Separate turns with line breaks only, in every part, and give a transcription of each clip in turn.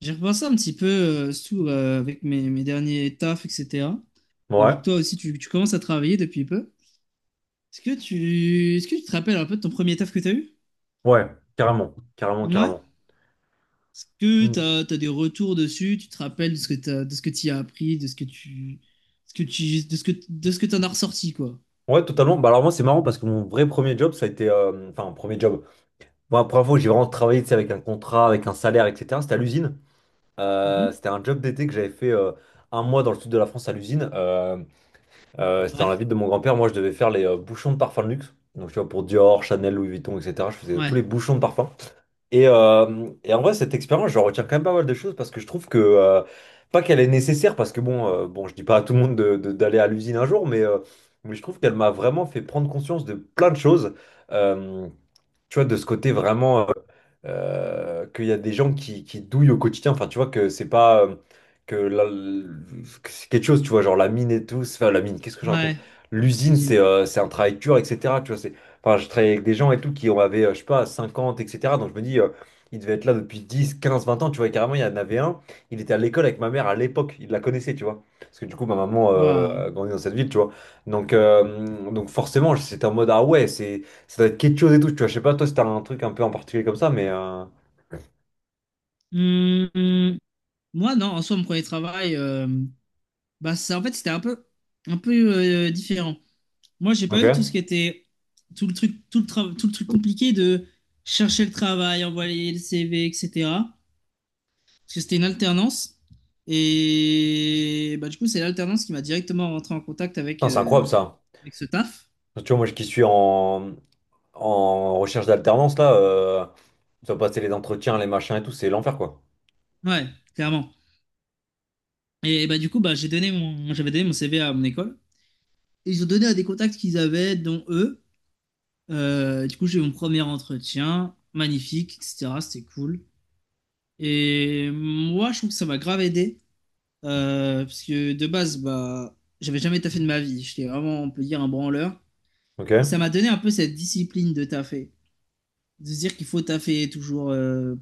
J'ai repensé un petit peu avec mes derniers tafs, etc. Et
Ouais,
vu que toi aussi, tu commences à travailler depuis peu, est-ce que est-ce que tu te rappelles un peu de ton premier taf que tu as eu?
ouais, carrément, carrément,
Ouais.
carrément.
Est-ce que
Mm.
tu as, des retours dessus? Tu te rappelles de ce que de ce que tu as appris, de ce que tu, de ce que tu en as ressorti, quoi.
Ouais, totalement. Bah alors moi c'est marrant parce que mon vrai premier job, ça a été, enfin premier job. Moi, la première fois où j'ai vraiment travaillé, tu sais, avec un contrat, avec un salaire, etc. C'était à l'usine.
Mhm.
C'était un job d'été que j'avais fait un mois dans le sud de la France à l'usine. C'était
Ouais.
dans la ville de mon grand-père. Moi, je devais faire les bouchons de parfum de luxe. Donc tu vois pour Dior, Chanel, Louis Vuitton, etc. Je faisais
Ouais.
tous les bouchons de parfum. Et en vrai, cette expérience, je retiens quand même pas mal de choses parce que je trouve que, pas qu'elle est nécessaire, parce que bon, je dis pas à tout le monde d'aller à l'usine un jour, mais je trouve qu'elle m'a vraiment fait prendre conscience de plein de choses. Euh, Tu vois, de ce côté vraiment qu'il y a des gens qui douillent au quotidien. Enfin, tu vois que c'est pas que, que c'est quelque chose, tu vois, genre la mine et tout. Enfin, la mine, qu'est-ce que je raconte?
Ouais.
L'usine,
L'usine.
c'est un travail dur, etc. Tu vois, c'est, enfin, je travaillais avec des gens et tout qui en avaient, je sais pas, 50, etc. Donc je me dis, il devait être là depuis 10, 15, 20 ans. Tu vois, et carrément, il y en avait un. Il était à l'école avec ma mère à l'époque. Il la connaissait, tu vois. Parce que du coup, ma maman
Waouh.
a grandi dans cette ville, tu vois. Donc forcément, c'était en mode, ah ouais, c'est. Ça doit être quelque chose et tout, tu vois. Je sais pas, toi, si t'as un truc un peu en particulier comme ça, mais.
Hum, hum. Moi, non, en soi, mon premier travail, bah, ça, en fait, c'était un peu différent. Moi, j'ai pas eu tout ce
Ok.
qui était tout le truc, tout le truc compliqué de chercher le travail, envoyer le CV, etc. Parce que c'était une alternance. Et bah, du coup, c'est l'alternance qui m'a directement rentré en contact avec,
Putain, c'est incroyable ça.
avec ce taf.
Tu vois, moi, qui suis en recherche d'alternance, là, tu dois passer les entretiens, les machins et tout, c'est l'enfer, quoi.
Ouais, clairement. Et bah, du coup, bah, j'avais donné mon CV à mon école. Et ils ont donné à des contacts qu'ils avaient, dont eux. Du coup, j'ai eu mon premier entretien, magnifique, etc. C'était cool. Et moi, je trouve que ça m'a grave aidé. Parce que de base, bah, j'avais jamais taffé de ma vie. J'étais vraiment, on peut dire, un branleur.
Ok.
Et ça m'a donné un peu cette discipline de taffer. De se dire qu'il faut taffer toujours.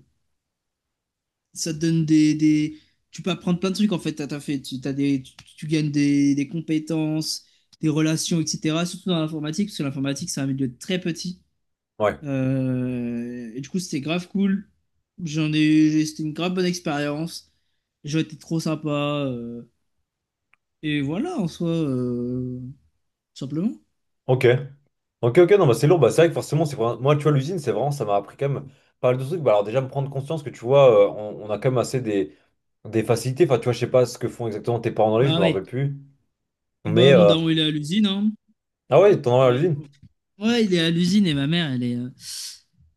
Ça te donne des- Tu peux apprendre plein de trucs en fait à taffer. Tu gagnes des compétences, des relations, etc. Surtout dans l'informatique, parce que l'informatique, c'est un milieu très petit.
Ouais.
Et du coup, c'était grave cool. C'était une grave bonne expérience. Les gens étaient trop sympas. Et voilà, en soi, simplement.
Ok. Ok, ok, non, bah c'est lourd. Bah, c'est vrai que forcément, c'est vraiment- moi, tu vois, l'usine, c'est vraiment, ça m'a appris quand même pas mal de trucs. Bah, alors, déjà, me prendre conscience que tu vois, on a quand même assez des facilités, enfin, tu vois, je sais pas ce que font exactement tes parents dans les, je
Bah
me
oui.
rappelle plus.
Ah
Mais,
bah, mon daron, il est à l'usine, hein.
ah ouais, ton
Et
envers à
bah,
l'usine.
ouais, il est à l'usine et ma mère, elle est, euh,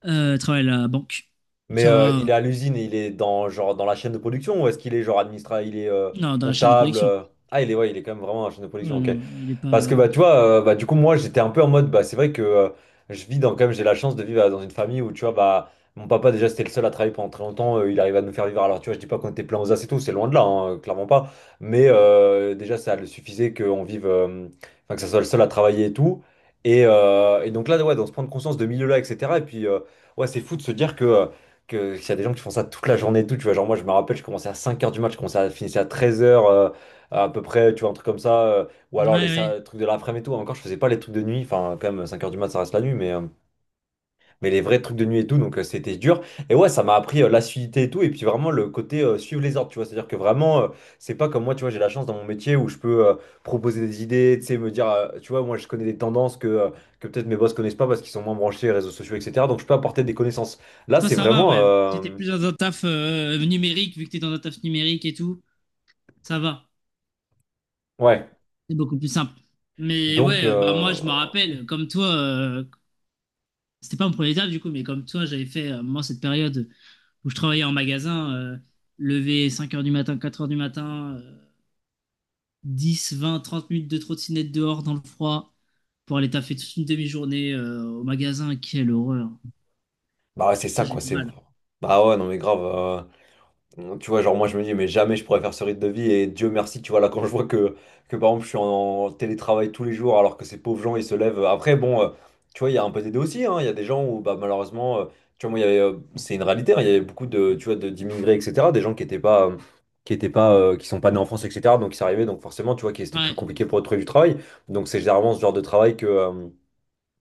euh, elle travaille à la banque. Donc
Mais
ça va.
il est à l'usine et il est dans, genre, dans la chaîne de production ou est-ce qu'il est genre administrateur, il est
Non, dans la chaîne de
comptable
production.
Ah, il est, ouais, il est quand même vraiment dans la chaîne de
Ouais,
production, ok.
non, il est pas.
Parce que bah tu vois, bah du coup moi j'étais un peu en mode bah c'est vrai que je vis dans quand même j'ai la chance de vivre dans une famille où tu vois bah mon papa déjà c'était le seul à travailler pendant très longtemps, il arrivait à nous faire vivre. Alors tu vois, je dis pas qu'on était plein aux as et tout, c'est loin de là, hein, clairement pas. Mais déjà ça le suffisait qu'on vive, enfin que ça soit le seul à travailler et tout. Et donc là ouais, donc se prendre conscience de milieu-là, etc. Et puis ouais c'est fou de se dire que qu'il y a des gens qui font ça toute la journée et tout, tu vois. Genre moi je me rappelle, je commençais à cinq heures du match, je commençais à finissais à treize heures à peu près, tu vois, un truc comme ça. Ou
Ouais,
alors les
ouais.
trucs de l'après-midi et tout. Encore, je faisais pas les trucs de nuit. Enfin, quand même, cinq heures du mat, ça reste la nuit, mais les vrais trucs de nuit et tout. Donc, c'était dur. Et ouais, ça m'a appris l'assiduité et tout. Et puis, vraiment, le côté suivre les ordres, tu vois. C'est-à-dire que vraiment, c'est pas comme moi, tu vois, j'ai la chance dans mon métier où je peux proposer des idées, tu sais, me dire, tu vois, moi, je connais des tendances que peut-être mes boss connaissent pas parce qu'ils sont moins branchés réseaux sociaux, etc. Donc, je peux apporter des connaissances. Là,
Toi,
c'est
ça va,
vraiment.
ouais. Si t'es plus dans un taf numérique, vu que t'es dans un taf numérique et tout, ça va.
Ouais.
C'est beaucoup plus simple. Mais
Donc,
ouais, bah moi, je me rappelle, comme toi, c'était pas mon premier taf du coup, mais comme toi, j'avais fait, moi, cette période où je travaillais en magasin, lever 5 heures du matin, 4 heures du matin. 10 20 30 minutes de trottinette dehors dans le froid pour aller taffer toute une demi-journée au magasin. Quelle horreur.
bah, ouais, c'est ça,
Ça, j'ai
quoi.
du
C'est.
mal.
Bah ouais, non, mais grave. Tu vois, genre moi je me dis, mais jamais je pourrais faire ce rythme de vie. Et Dieu merci, tu vois, là quand je vois que par exemple je suis en télétravail tous les jours alors que ces pauvres gens ils se lèvent. Après, bon, tu vois, il y a un peu des deux aussi. Hein. Il y a des gens où bah, malheureusement, tu vois, moi il y avait, c'est une réalité. Hein. Il y avait beaucoup de, tu vois, d'immigrés, etc. Des gens qui sont pas nés en France, etc. Donc ils arrivaient, donc forcément, tu vois, qui c'était plus
Ouais.
compliqué pour eux de trouver du travail. Donc c'est généralement ce genre de travail que. euh,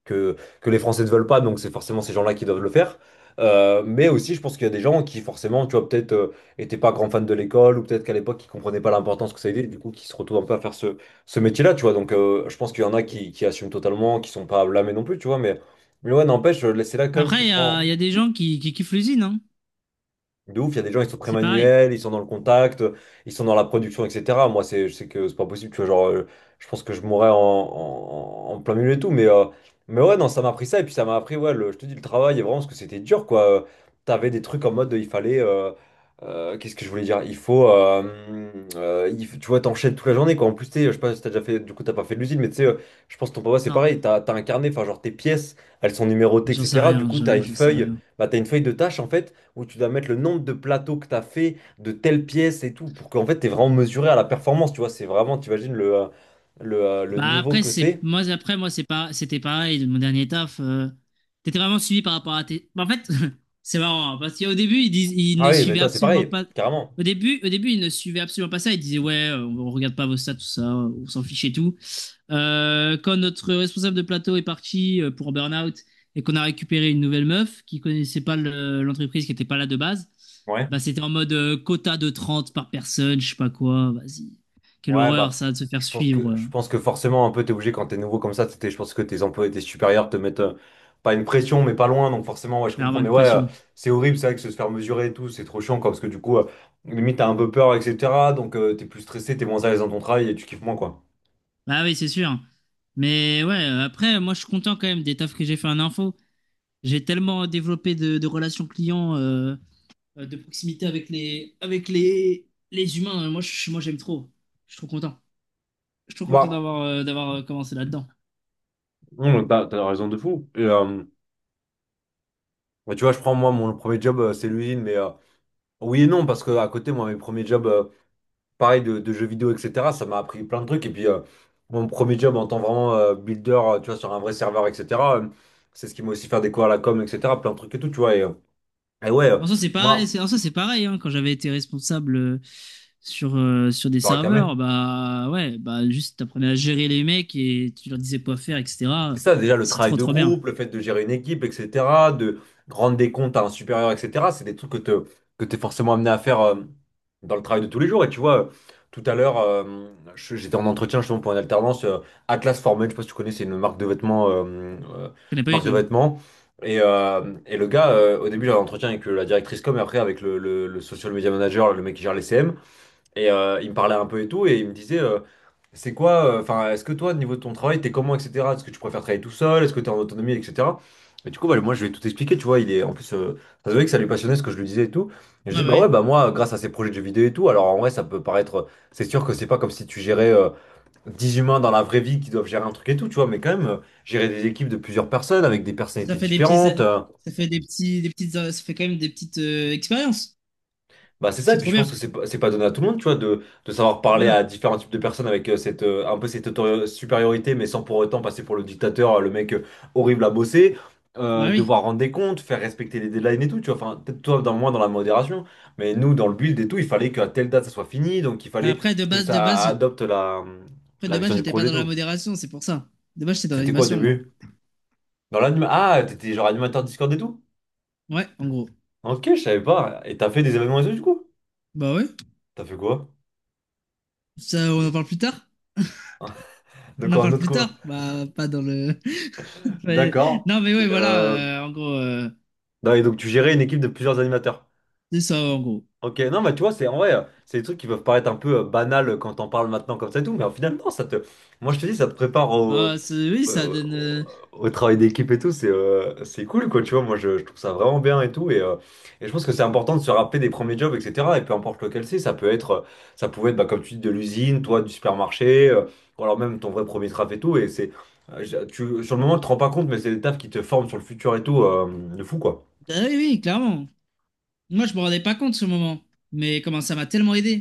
que, que les Français ne veulent pas, donc c'est forcément ces gens-là qui doivent le faire. Mais aussi, je pense qu'il y a des gens qui, forcément, tu vois, peut-être étaient pas grands fans de l'école, ou peut-être qu'à l'époque, ils comprenaient pas l'importance que ça avait, du coup, qui se retrouvent un peu à faire ce métier-là, tu vois. Donc, je pense qu'il y en a qui assument totalement, qui sont pas blâmés non plus, tu vois. Mais ouais, n'empêche, là, c'est là quand même,
Après,
tu te prends.
il y a des gens qui kiffent l'usine, hein.
De ouf, il y a des gens, ils sont très
C'est pareil.
manuels, ils sont dans le contact, ils sont dans la production, etc. Moi, c'est, je sais que c'est pas possible, tu vois, genre, je pense que je mourrais en plein milieu et tout, mais ouais, non, ça m'a appris ça, et puis ça m'a appris, ouais, je te dis, le travail, et vraiment, parce que c'était dur, quoi. T'avais des trucs en mode, il fallait, qu'est-ce que je voulais dire? Tu vois, t'enchaînes toute la journée, quoi. En plus, tu sais, je sais pas si t'as déjà fait, du coup, t'as pas fait de l'usine, mais tu sais, je pense que ton papa, c'est
Non,
pareil, t'as incarné enfin, genre, tes pièces, elles sont numérotées,
moi, j'en sais
etc. Du
rien,
coup,
j'avoue, j'en sais rien.
t'as une feuille de tâches, en fait où tu dois mettre le nombre de plateaux que tu as fait, de telles pièces et tout, pour qu'en fait, tu es vraiment mesuré à la performance, tu vois. C'est vraiment, tu imagines le
Bah
niveau
après
que
c'est
c'est.
moi après moi c'est pas c'était pareil de mon dernier taf, t'étais vraiment suivi par rapport à tes. Bah, en fait c'est marrant hein, parce qu'au début ils
Ah
ne
oui, mais
suivaient
toi, c'est
absolument
pareil,
pas
carrément.
au début ils ne suivaient absolument pas ça, ils disaient ouais, on regarde pas vos stats tout ça, on s'en fiche et tout. Quand notre responsable de plateau est parti pour burn-out et qu'on a récupéré une nouvelle meuf qui connaissait pas l'entreprise, qui était pas là de base,
Ouais.
bah c'était en mode quota de 30 par personne, je sais pas quoi, vas-y, quelle
Ouais,
horreur
bah,
ça de se faire
je pense que,
suivre.
je pense que forcément, un peu, t'es obligé quand t'es nouveau comme ça, je pense que tes employés, tes supérieurs te mettent, pas une pression, mais pas loin, donc forcément, ouais, je comprends.
Clairement
Mais
une
ouais,
pression.
c'est horrible, c'est vrai que se faire mesurer et tout, c'est trop chiant, quoi, parce que du coup, limite, t'as un peu peur, etc. Donc, t'es plus stressé, t'es moins à l'aise dans ton travail et tu kiffes moins, quoi.
Bah oui, c'est sûr. Mais ouais, après, moi, je suis content quand même des tafs que j'ai fait en info. J'ai tellement développé de relations clients, de proximité avec les humains. Moi, j'aime trop. Je suis trop content. Je suis trop content
Bah,
d'avoir commencé là-dedans.
non, t'as raison de fou. Et, bah, tu vois, je prends moi mon premier job, c'est l'usine, mais oui et non, parce que à côté, moi, mes premiers jobs, pareil, de jeux vidéo, etc., ça m'a appris plein de trucs. Et puis, mon premier job en tant vraiment builder, tu vois, sur un vrai serveur, etc., euh, c'est ce qui m'a aussi fait découvrir la com, etc., plein de trucs et tout, tu vois. Et ouais,
En soi, c'est pareil.
moi,
En soi, c'est pareil. Hein. Quand j'avais été responsable sur des
tu auras camé.
serveurs, bah ouais, bah juste t'apprenais à gérer les mecs et tu leur disais quoi faire,
C'est
etc.
ça, déjà le
C'est
travail
trop
de
trop bien.
groupe, le fait de gérer une équipe, etc., de rendre des comptes à un supérieur, etc., c'est des trucs que t'es forcément amené à faire dans le travail de tous les jours. Et tu vois, tout à l'heure, j'étais en entretien justement pour une alternance Atlas Formel, je sais pas si tu connais, c'est une marque de vêtements,
Je connais pas du
marque de
tout.
vêtements. Et le gars, au début, j'avais un entretien avec la directrice com et après avec le social media manager, le mec qui gère les CM. Et il me parlait un peu et tout, et il me disait, c'est quoi, enfin, est-ce que toi, au niveau de ton travail, t'es comment, etc. Est-ce que tu préfères travailler tout seul? Est-ce que t'es en autonomie, etc. Et du coup, bah, moi, je lui ai tout expliqué, tu vois, il est, en plus, ça se voyait que ça lui passionnait ce que je lui disais et tout. Et je dis,
Ah bah
bah
oui.
ouais, bah moi, grâce à ces projets de jeux vidéo et tout, alors en vrai, ça peut paraître, c'est sûr que c'est pas comme si tu gérais 10 humains dans la vraie vie qui doivent gérer un truc et tout, tu vois, mais quand même, gérer des équipes de plusieurs personnes avec des
Ça
personnalités
fait des petits, ça,
différentes.
ça fait des petits, des petites, ça fait quand même des petites expériences.
Bah c'est ça,
C'est
et puis
trop
je
bien.
pense que c'est pas donné à tout le monde, tu vois, de savoir
Ouais,
parler
non.
à différents types de personnes avec cette, un peu cette supériorité, mais sans pour autant passer pour le dictateur, le mec horrible à bosser,
Bah oui.
devoir rendre des comptes, faire respecter les deadlines et tout, tu vois, enfin, peut-être toi, dans, moins dans la modération, mais nous, dans le build et tout, il fallait qu'à telle date, ça soit fini, donc il fallait que
De
ça
base,
adopte la, la
de base,
vision du
j'étais pas
projet et
dans la
tout.
modération, c'est pour ça. De base, j'étais dans
C'était quoi au
l'animation, moi.
début? Dans l'anime... Ah, t'étais genre animateur Discord et tout?
Ouais, en gros.
Ok, je savais pas. Et t'as fait des événements et tout, du coup?
Bah ouais.
T'as fait quoi?
Ça, on en
Des-
parle plus tard. On
Donc
en
en
parle
autre
plus
quoi?
tard. Bah, pas dans le. Ouais.
D'accord.
Non, mais
Mais,
oui, voilà. En gros,
non, et donc tu gérais une équipe de plusieurs animateurs.
c'est ça, en gros.
Ok, non, mais tu vois, c'est en vrai, c'est des trucs qui peuvent paraître un peu banals quand on parle maintenant comme ça et tout, mais au final, non, ça te. Moi, je te dis, ça te prépare
Oui, ça
euh,
donne.
au travail d'équipe et tout, c'est cool, quoi, tu vois. Moi, je trouve ça vraiment bien et tout. Et je pense que c'est important de se rappeler des premiers jobs, etc. Et peu importe lequel c'est, ça peut être, ça pouvait être, bah, comme tu dis, de l'usine, toi, du supermarché, ou alors même ton vrai premier taf et tout. Et c'est, tu, sur le moment, tu te rends pas compte, mais c'est des tafs qui te forment sur le futur et tout, de fou, quoi.
Bah oui, oui, clairement. Moi, je me rendais pas compte ce moment. Mais comment ça m'a tellement aidé.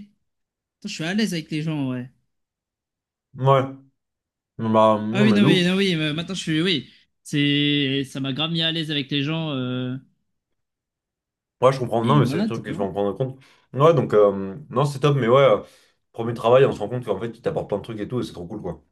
Putain, je suis à l'aise avec les gens, ouais.
Ouais, non, bah,
Ah
non,
oui,
mais
non,
de ouf.
oui, non, oui, maintenant je suis, oui, ça m'a grave mis à l'aise avec les gens,
Ouais, je comprends. Non,
et
mais c'est des
voilà, tout
trucs qu'il faut
simplement.
en prendre en compte. Ouais, donc, non, c'est top, mais ouais, premier travail, on se rend compte qu'en fait, tu t'apportes plein de trucs et tout, et c'est trop cool, quoi.